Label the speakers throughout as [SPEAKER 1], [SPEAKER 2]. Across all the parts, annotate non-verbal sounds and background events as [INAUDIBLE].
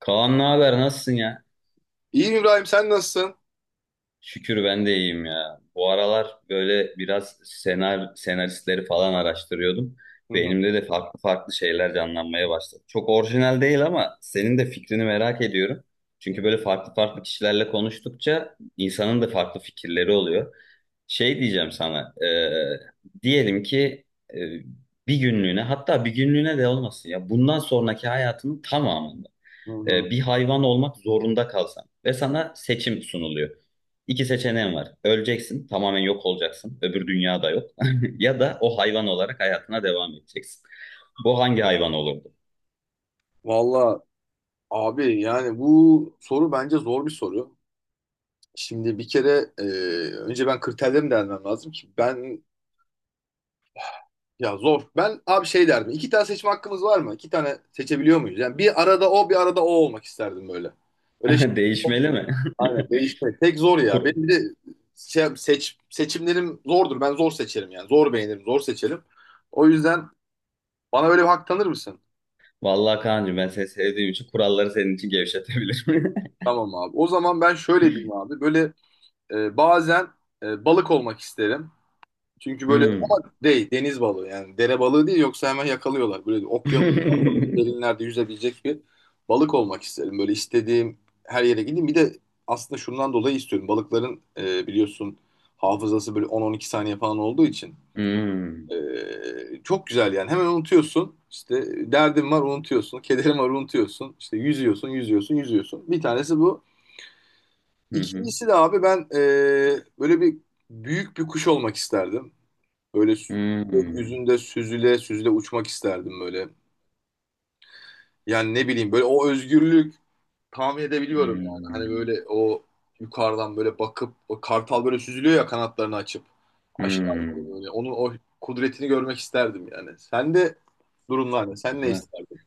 [SPEAKER 1] Kaan ne haber? Nasılsın ya?
[SPEAKER 2] İyiyim İbrahim, sen nasılsın?
[SPEAKER 1] Şükür ben de iyiyim ya. Bu aralar böyle biraz senaristleri falan araştırıyordum.
[SPEAKER 2] Hı hı.
[SPEAKER 1] Beynimde de farklı farklı şeyler canlanmaya başladı. Çok orijinal değil ama senin de fikrini merak ediyorum. Çünkü böyle farklı farklı kişilerle konuştukça insanın da farklı fikirleri oluyor. Şey diyeceğim sana, diyelim ki e, bir günlüğüne hatta bir günlüğüne de olmasın ya bundan sonraki hayatının tamamı.
[SPEAKER 2] Hı hı.
[SPEAKER 1] Bir hayvan olmak zorunda kalsan ve sana seçim sunuluyor. İki seçeneğin var. Öleceksin, tamamen yok olacaksın. Öbür dünyada yok. [LAUGHS] Ya da o hayvan olarak hayatına devam edeceksin. Bu hangi hayvan olurdu?
[SPEAKER 2] Valla abi, yani bu soru bence zor bir soru. Şimdi bir kere önce ben kriterlerimi değerlendirmem lazım ki ben ya zor. Ben abi şey derdim. İki tane seçme hakkımız var mı? İki tane seçebiliyor muyuz? Yani bir arada o bir arada o olmak isterdim böyle. Öyle şey.
[SPEAKER 1] [LAUGHS]
[SPEAKER 2] [LAUGHS]
[SPEAKER 1] Değişmeli mi?
[SPEAKER 2] Aynen değişmek. Tek zor
[SPEAKER 1] [LAUGHS]
[SPEAKER 2] ya.
[SPEAKER 1] Kur-
[SPEAKER 2] Benim bir de seçimlerim zordur. Ben zor seçerim yani. Zor beğenirim, zor seçerim. O yüzden bana böyle bir hak tanır mısın?
[SPEAKER 1] Vallahi Kaan'cığım ben seni sevdiğim için kuralları senin için gevşetebilirim. [LAUGHS]
[SPEAKER 2] Tamam abi. O zaman ben şöyle diyeyim abi. Böyle bazen balık olmak isterim. Çünkü böyle
[SPEAKER 1] Hmm.
[SPEAKER 2] ama değil deniz balığı, yani dere balığı değil, yoksa hemen yakalıyorlar. Böyle okyanus
[SPEAKER 1] [LAUGHS]
[SPEAKER 2] derinlerde yüzebilecek bir balık olmak isterim. Böyle istediğim her yere gideyim. Bir de aslında şundan dolayı istiyorum. Balıkların biliyorsun hafızası böyle 10-12 saniye falan olduğu için
[SPEAKER 1] Hmm.
[SPEAKER 2] çok güzel yani. Hemen unutuyorsun. İşte derdin var, unutuyorsun. Kederin var, unutuyorsun. İşte yüzüyorsun, yüzüyorsun, yüzüyorsun. Bir tanesi bu.
[SPEAKER 1] Hı hı.
[SPEAKER 2] İkincisi de abi ben böyle bir büyük bir kuş olmak isterdim. Böyle sü-
[SPEAKER 1] Hmm.
[SPEAKER 2] Gökyüzünde süzüle süzüle uçmak isterdim böyle. Yani ne bileyim, böyle o özgürlük tahmin edebiliyorum yani. Hani
[SPEAKER 1] Hmm.
[SPEAKER 2] böyle o yukarıdan böyle bakıp o kartal böyle süzülüyor ya, kanatlarını açıp aşağı doğru
[SPEAKER 1] Hmm.
[SPEAKER 2] böyle. Onun o kudretini görmek isterdim yani. Sen de durumlar ne? Sen ne
[SPEAKER 1] Güzel.
[SPEAKER 2] isterdin?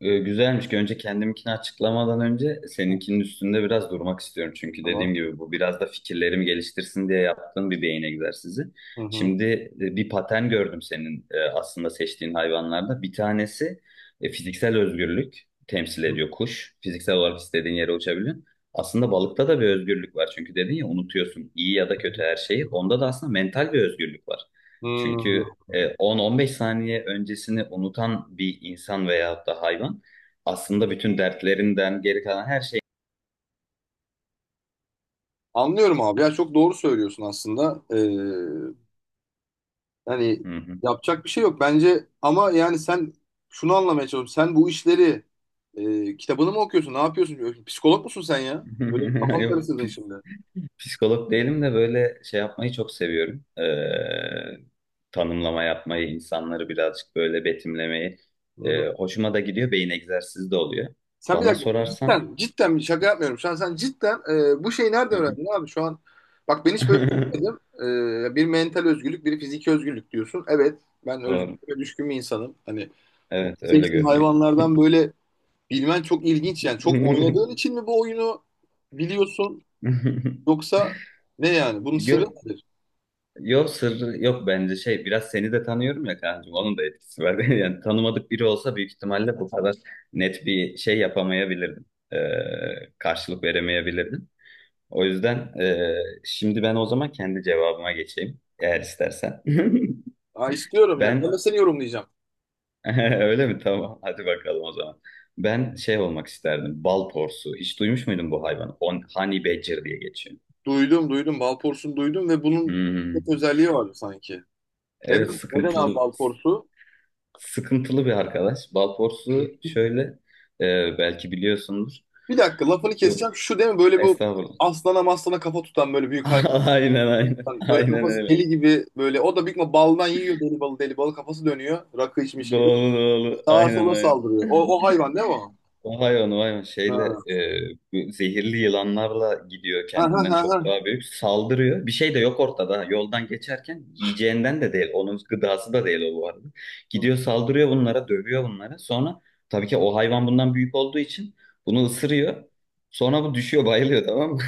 [SPEAKER 1] Güzelmiş ki önce kendiminkini açıklamadan önce seninkinin üstünde biraz durmak istiyorum. Çünkü
[SPEAKER 2] Tamam.
[SPEAKER 1] dediğim gibi bu biraz da fikirlerimi geliştirsin diye yaptığım bir beyin egzersizi.
[SPEAKER 2] Hı hı.
[SPEAKER 1] Şimdi bir patern gördüm senin aslında seçtiğin hayvanlarda. Bir tanesi fiziksel özgürlük temsil ediyor kuş. Fiziksel olarak istediğin yere uçabiliyorsun. Aslında balıkta da bir özgürlük var. Çünkü dedin ya unutuyorsun iyi ya da kötü her şeyi. Onda da aslında mental bir özgürlük var.
[SPEAKER 2] Hı hı.
[SPEAKER 1] Çünkü 10-15 saniye öncesini unutan bir insan veyahut da hayvan aslında bütün dertlerinden geri kalan her şey.
[SPEAKER 2] Anlıyorum abi ya, çok doğru söylüyorsun aslında. Yani
[SPEAKER 1] Hı hı.
[SPEAKER 2] yapacak bir şey yok bence ama yani sen, şunu anlamaya çalışıyorum. Sen bu işleri kitabını mı okuyorsun? Ne yapıyorsun? Psikolog musun sen ya? Öyle bir
[SPEAKER 1] [LAUGHS]
[SPEAKER 2] kafam
[SPEAKER 1] Yok,
[SPEAKER 2] karıştırdın şimdi. Hı
[SPEAKER 1] psikolog değilim de böyle şey yapmayı çok seviyorum. Tanımlama yapmayı, insanları birazcık böyle betimlemeyi.
[SPEAKER 2] hı.
[SPEAKER 1] Hoşuma da gidiyor, beyin egzersizi de oluyor.
[SPEAKER 2] Sen bir
[SPEAKER 1] Bana
[SPEAKER 2] dakika
[SPEAKER 1] sorarsan.
[SPEAKER 2] cidden, cidden bir şaka yapmıyorum. Şu an sen cidden bu şeyi nerede
[SPEAKER 1] Hı hı.
[SPEAKER 2] öğrendin abi? Şu an bak ben hiç böyle
[SPEAKER 1] [LAUGHS]
[SPEAKER 2] düşünmedim. E, bir mental özgürlük, bir fiziki özgürlük diyorsun. Evet, ben
[SPEAKER 1] Doğru.
[SPEAKER 2] özgürlüğe düşkün bir insanım. Hani bu
[SPEAKER 1] Evet, öyle
[SPEAKER 2] seçtiğim
[SPEAKER 1] görünüyor.
[SPEAKER 2] hayvanlardan böyle bilmen çok ilginç yani. Çok oynadığın için mi bu oyunu biliyorsun? Yoksa ne yani? Bunun
[SPEAKER 1] [LAUGHS]
[SPEAKER 2] sırrı
[SPEAKER 1] Yok,
[SPEAKER 2] nedir?
[SPEAKER 1] yok sırrı yok bence şey biraz seni de tanıyorum ya kancım onun da etkisi var. [LAUGHS] Yani tanımadık biri olsa büyük ihtimalle bu kadar net bir şey yapamayabilirdim. Ee, karşılık veremeyebilirdim. O yüzden şimdi ben o zaman kendi cevabıma geçeyim eğer istersen. [LAUGHS]
[SPEAKER 2] Aa, istiyorum yani. Ben
[SPEAKER 1] Ben
[SPEAKER 2] de seni yorumlayacağım.
[SPEAKER 1] [LAUGHS] öyle mi? Tamam, hadi bakalım o zaman. Ben şey olmak isterdim, bal porsu. Hiç duymuş muydun bu hayvanı? Honey badger diye geçiyor.
[SPEAKER 2] Duydum, duydum. Balporsun duydum ve bunun
[SPEAKER 1] Hmm.
[SPEAKER 2] çok özelliği vardı sanki.
[SPEAKER 1] Evet,
[SPEAKER 2] Neden? Neden abi
[SPEAKER 1] sıkıntılı
[SPEAKER 2] balporsu?
[SPEAKER 1] sıkıntılı bir arkadaş. Balporsu şöyle, belki biliyorsundur.
[SPEAKER 2] Bir dakika lafını
[SPEAKER 1] Yok,
[SPEAKER 2] keseceğim. Şu değil mi? Böyle bu
[SPEAKER 1] estağfurullah.
[SPEAKER 2] aslana maslana kafa tutan böyle büyük hayvan.
[SPEAKER 1] [LAUGHS] Aynen, aynen.
[SPEAKER 2] Böyle
[SPEAKER 1] Aynen
[SPEAKER 2] kafası
[SPEAKER 1] öyle.
[SPEAKER 2] deli gibi böyle. O da büyük ihtimal baldan yiyor, deli balı deli balı. Kafası dönüyor. Rakı içmiş gibi.
[SPEAKER 1] Doğru, doğru.
[SPEAKER 2] Sağa
[SPEAKER 1] Aynen,
[SPEAKER 2] sola
[SPEAKER 1] aynen.
[SPEAKER 2] saldırıyor. O, o hayvan değil mi o?
[SPEAKER 1] O hayvan, o hayvan şeyle,
[SPEAKER 2] Ha.
[SPEAKER 1] bu zehirli yılanlarla gidiyor
[SPEAKER 2] Ha ha
[SPEAKER 1] kendinden
[SPEAKER 2] ha. Ha.
[SPEAKER 1] çok daha büyük. Saldırıyor. Bir şey de yok ortada. Ha. Yoldan geçerken yiyeceğinden de değil. Onun gıdası da değil o bu arada. Gidiyor saldırıyor bunlara, dövüyor bunlara. Sonra tabii ki o hayvan bundan büyük olduğu için bunu ısırıyor. Sonra bu düşüyor bayılıyor, tamam mı?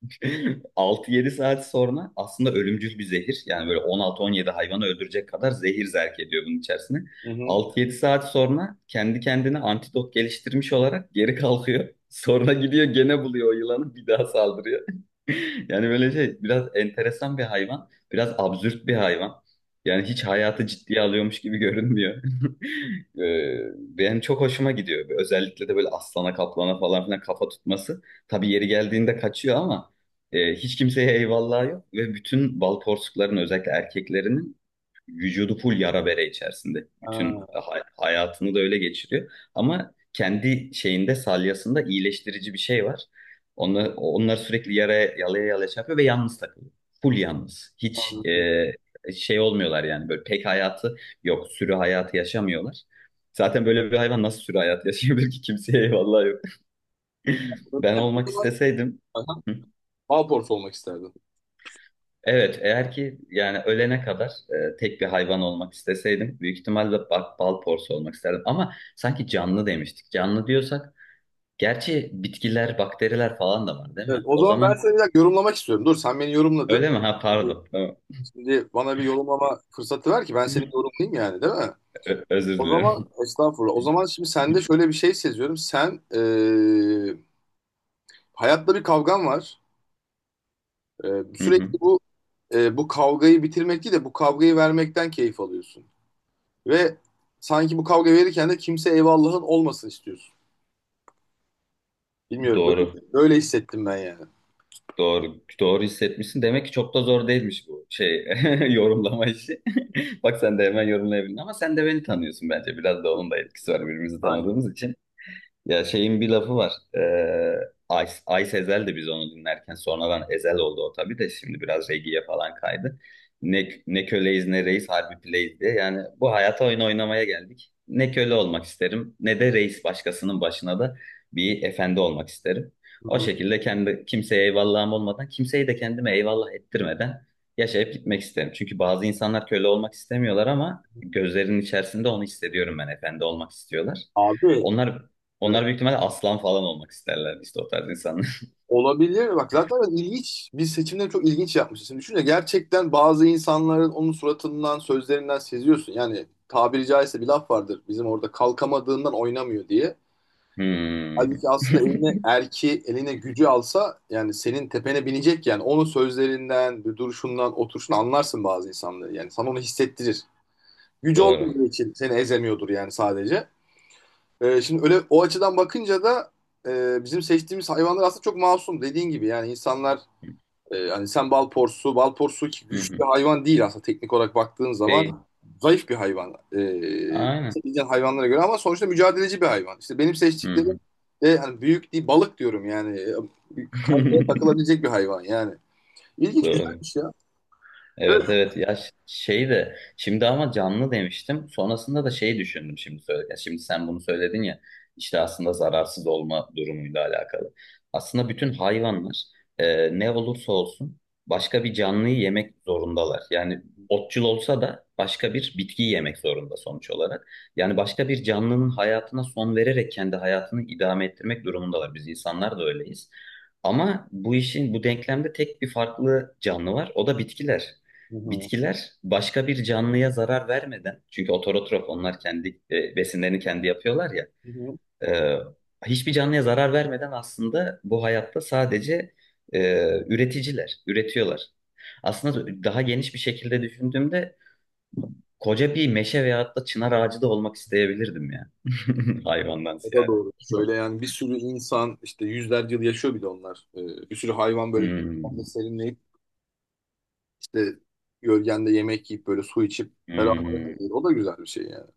[SPEAKER 1] [LAUGHS] 6 yedi saat sonra aslında ölümcül bir zehir. Yani böyle 16-17 hayvanı öldürecek kadar zehir zerk ediyor bunun içerisine.
[SPEAKER 2] Hı hı.
[SPEAKER 1] 6 yedi saat sonra kendi kendine antidot geliştirmiş olarak geri kalkıyor. [LAUGHS] Sonra gidiyor gene buluyor o yılanı, bir daha saldırıyor. [LAUGHS] Yani böyle şey, biraz enteresan bir hayvan. Biraz absürt bir hayvan. Yani hiç hayatı ciddiye alıyormuş gibi görünmüyor. [LAUGHS] Benim çok hoşuma gidiyor. Özellikle de böyle aslana kaplana falan filan kafa tutması. Tabii yeri geldiğinde kaçıyor ama hiç kimseye eyvallah yok ve bütün bal porsukların özellikle erkeklerinin vücudu full yara bere içerisinde. Bütün
[SPEAKER 2] Ha.
[SPEAKER 1] hayatını da öyle geçiriyor. Ama kendi şeyinde, salyasında iyileştirici bir şey var. Onlar sürekli yalaya yalaya şey yapıyor ve yalnız takılıyor. Full yalnız. Hiç
[SPEAKER 2] Anladım.
[SPEAKER 1] şey olmuyorlar yani, böyle pek hayatı yok. Sürü hayatı yaşamıyorlar. Zaten böyle bir hayvan nasıl sürü hayatı yaşayabilir ki, kimseye eyvallah yok. [LAUGHS] Ben olmak isteseydim.
[SPEAKER 2] Aha.
[SPEAKER 1] Hı?
[SPEAKER 2] Balporsu olmak isterdim.
[SPEAKER 1] Evet, eğer ki yani ölene kadar tek bir hayvan olmak isteseydim büyük ihtimalle bak, bal porsu olmak isterdim. Ama sanki canlı demiştik. Canlı diyorsak gerçi bitkiler, bakteriler falan da var değil
[SPEAKER 2] Evet,
[SPEAKER 1] mi?
[SPEAKER 2] o
[SPEAKER 1] O
[SPEAKER 2] zaman ben
[SPEAKER 1] zaman
[SPEAKER 2] seni bir dakika yorumlamak istiyorum. Dur, sen beni yorumladın.
[SPEAKER 1] öyle mi? Ha,
[SPEAKER 2] Şimdi,
[SPEAKER 1] pardon. Tamam.
[SPEAKER 2] Şimdi bana bir yorumlama fırsatı ver ki ben seni
[SPEAKER 1] [LAUGHS]
[SPEAKER 2] yorumlayayım yani, değil mi?
[SPEAKER 1] Özür
[SPEAKER 2] O zaman
[SPEAKER 1] dilerim.
[SPEAKER 2] estağfurullah. O zaman şimdi sende
[SPEAKER 1] [LAUGHS]
[SPEAKER 2] şöyle bir şey seziyorum. Sen hayatla bir kavgan var.
[SPEAKER 1] Hı hı.
[SPEAKER 2] Sürekli bu bu kavgayı bitirmek değil de bu kavgayı vermekten keyif alıyorsun. Ve sanki bu kavga verirken de kimse eyvallahın olmasın istiyorsun. Bilmiyorum,
[SPEAKER 1] Doğru.
[SPEAKER 2] böyle, böyle hissettim ben yani.
[SPEAKER 1] Doğru. Doğru hissetmişsin. Demek ki çok da zor değilmiş bu şey [LAUGHS] yorumlama işi. [LAUGHS] Bak sen de hemen yorumlayabildin ama sen de beni tanıyorsun bence. Biraz da onun da etkisi var, birbirimizi
[SPEAKER 2] Aynen.
[SPEAKER 1] tanıdığımız için. Ya şeyin bir lafı var. Ee, Ay Sezel de biz onu dinlerken sonradan Ezel oldu o tabii de şimdi biraz reggae'ye falan kaydı. Ne köleyiz ne reis, harbi plays diye. Yani bu hayata oyun oynamaya geldik. Ne köle olmak isterim ne de reis, başkasının başına da bir efendi olmak isterim.
[SPEAKER 2] Hı
[SPEAKER 1] O
[SPEAKER 2] hı.
[SPEAKER 1] şekilde kendi kimseye eyvallahım olmadan, kimseyi de kendime eyvallah ettirmeden yaşayıp gitmek isterim. Çünkü bazı insanlar köle olmak istemiyorlar ama gözlerinin içerisinde onu hissediyorum ben, efendi olmak istiyorlar.
[SPEAKER 2] Abi evet.
[SPEAKER 1] Onlar onlar büyük ihtimalle aslan falan olmak isterler işte, o tarz insanlar. [LAUGHS]
[SPEAKER 2] Olabilir. Bak zaten ilginç. Biz seçimleri çok ilginç yapmışız. Şimdi düşünce gerçekten bazı insanların onun suratından, sözlerinden seziyorsun. Yani tabiri caizse bir laf vardır. Bizim orada kalkamadığından oynamıyor diye.
[SPEAKER 1] Hmm.
[SPEAKER 2] Halbuki aslında eline
[SPEAKER 1] [LAUGHS]
[SPEAKER 2] erki, eline gücü alsa yani senin tepene binecek yani. Onun sözlerinden, bir duruşundan, oturuşundan anlarsın bazı insanları. Yani sana onu hissettirir. Gücü
[SPEAKER 1] Doğru.
[SPEAKER 2] olmadığı için seni ezemiyordur yani sadece. Şimdi öyle o açıdan bakınca da bizim seçtiğimiz hayvanlar aslında çok masum, dediğin gibi. Yani insanlar hani sen bal porsu, bal porsu ki
[SPEAKER 1] Hı
[SPEAKER 2] güçlü
[SPEAKER 1] hı.
[SPEAKER 2] hayvan değil aslında, teknik olarak baktığın
[SPEAKER 1] Peki.
[SPEAKER 2] zaman zayıf bir hayvan.
[SPEAKER 1] Aynen.
[SPEAKER 2] Seçeceğin hayvanlara göre, ama sonuçta mücadeleci bir hayvan. İşte benim
[SPEAKER 1] Hı
[SPEAKER 2] seçtiklerim
[SPEAKER 1] hı.
[SPEAKER 2] de hani büyük değil, balık diyorum yani. Kayaya
[SPEAKER 1] [LAUGHS]
[SPEAKER 2] takılabilecek bir hayvan yani. İlginç,
[SPEAKER 1] Doğru.
[SPEAKER 2] güzelmiş ya. Evet.
[SPEAKER 1] Evet, evet ya, şey de şimdi, ama canlı demiştim sonrasında da şey düşündüm şimdi söylerken, şimdi sen bunu söyledin ya, işte aslında zararsız olma durumuyla alakalı, aslında bütün hayvanlar ne olursa olsun başka bir canlıyı yemek zorundalar. Yani otçul olsa da başka bir bitkiyi yemek zorunda sonuç olarak, yani başka bir canlının hayatına son vererek kendi hayatını idame ettirmek durumundalar, biz insanlar da öyleyiz. Ama bu işin, bu denklemde tek bir farklı canlı var. O da bitkiler.
[SPEAKER 2] Hı hı.
[SPEAKER 1] Bitkiler başka bir canlıya zarar vermeden, çünkü ototrof onlar, kendi besinlerini kendi yapıyorlar ya,
[SPEAKER 2] Hı hı.
[SPEAKER 1] e, hiçbir canlıya zarar vermeden, aslında bu hayatta sadece e, üreticiler, üretiyorlar. Aslında daha geniş bir şekilde düşündüğümde koca bir meşe veyahut da çınar ağacı da olmak isteyebilirdim ya. [LAUGHS] Hayvandan
[SPEAKER 2] O da
[SPEAKER 1] ziyade.
[SPEAKER 2] doğru. Şöyle yani bir sürü insan işte yüzlerce yıl yaşıyor, bir de onlar. Bir sürü hayvan böyle
[SPEAKER 1] Hmm,
[SPEAKER 2] gölgende serinleyip işte gölgende yemek yiyip böyle su içip
[SPEAKER 1] hmm.
[SPEAKER 2] ferahlayabilir. O da güzel bir şey yani.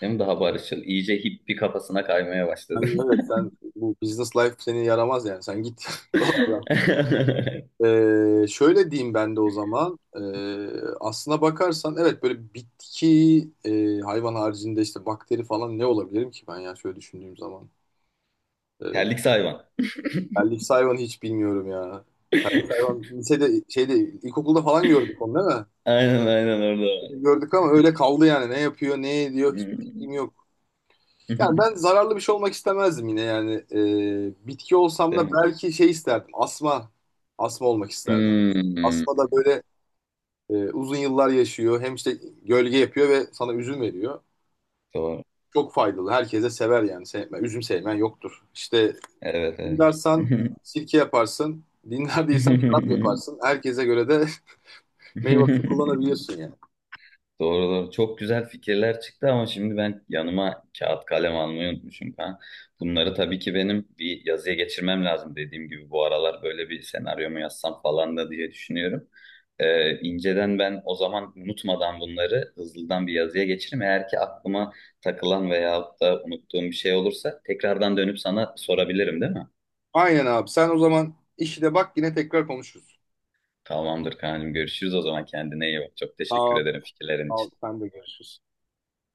[SPEAKER 1] Hem daha barışçıl, iyice hippi kafasına kaymaya başladım.
[SPEAKER 2] Yani evet, sen bu business life seni yaramaz yani, sen git [LAUGHS] buralardan.
[SPEAKER 1] [LAUGHS]
[SPEAKER 2] Şöyle diyeyim ben de o zaman, aslına bakarsan evet, böyle bitki hayvan haricinde işte bakteri falan ne olabilirim ki ben ya, şöyle düşündüğüm zaman. Ee,
[SPEAKER 1] Terlik hayvan.
[SPEAKER 2] Terlik hayvan hiç bilmiyorum ya.
[SPEAKER 1] [LAUGHS]
[SPEAKER 2] Hayvan lisede, şeyde, ilkokulda falan gördük onu, değil mi?
[SPEAKER 1] Aynen, aynen, orada var.
[SPEAKER 2] Gördük ama öyle kaldı yani, ne yapıyor, ne ediyor hiçbir
[SPEAKER 1] Hmm.
[SPEAKER 2] fikrim yok. Yani ben
[SPEAKER 1] [LAUGHS]
[SPEAKER 2] zararlı bir şey olmak istemezdim yine yani. Bitki olsam
[SPEAKER 1] Değil
[SPEAKER 2] da
[SPEAKER 1] mi?
[SPEAKER 2] belki şey isterdim. Asma. Asma olmak isterdim.
[SPEAKER 1] Hmm.
[SPEAKER 2] Asma da böyle uzun yıllar yaşıyor. Hem işte gölge yapıyor ve sana üzüm veriyor.
[SPEAKER 1] Doğru.
[SPEAKER 2] Çok faydalı. Herkese sever yani. Sevme, üzüm sevmen yoktur. İşte
[SPEAKER 1] Evet, evet.
[SPEAKER 2] dinlersen sirke yaparsın. Dinler değilsen şarap
[SPEAKER 1] [LAUGHS]
[SPEAKER 2] yaparsın. Herkese göre de [LAUGHS] meyvesini kullanabiliyorsun yani.
[SPEAKER 1] Doğru, doğru. Çok güzel fikirler çıktı ama şimdi ben yanıma kağıt kalem almayı unutmuşum falan. Bunları tabii ki benim bir yazıya geçirmem lazım, dediğim gibi bu aralar böyle bir senaryo mu yazsam falan da diye düşünüyorum. İnceden ben o zaman unutmadan bunları hızlıdan bir yazıya geçiririm. Eğer ki aklıma takılan veyahut da unuttuğum bir şey olursa tekrardan dönüp sana sorabilirim değil mi?
[SPEAKER 2] Aynen abi. Sen o zaman işine bak, yine tekrar konuşuruz.
[SPEAKER 1] Tamamdır Kaan'cığım, görüşürüz o zaman, kendine iyi bak. Çok teşekkür
[SPEAKER 2] Tamam.
[SPEAKER 1] ederim fikirlerin
[SPEAKER 2] Sağ ol.
[SPEAKER 1] için.
[SPEAKER 2] Sen de görüşürüz.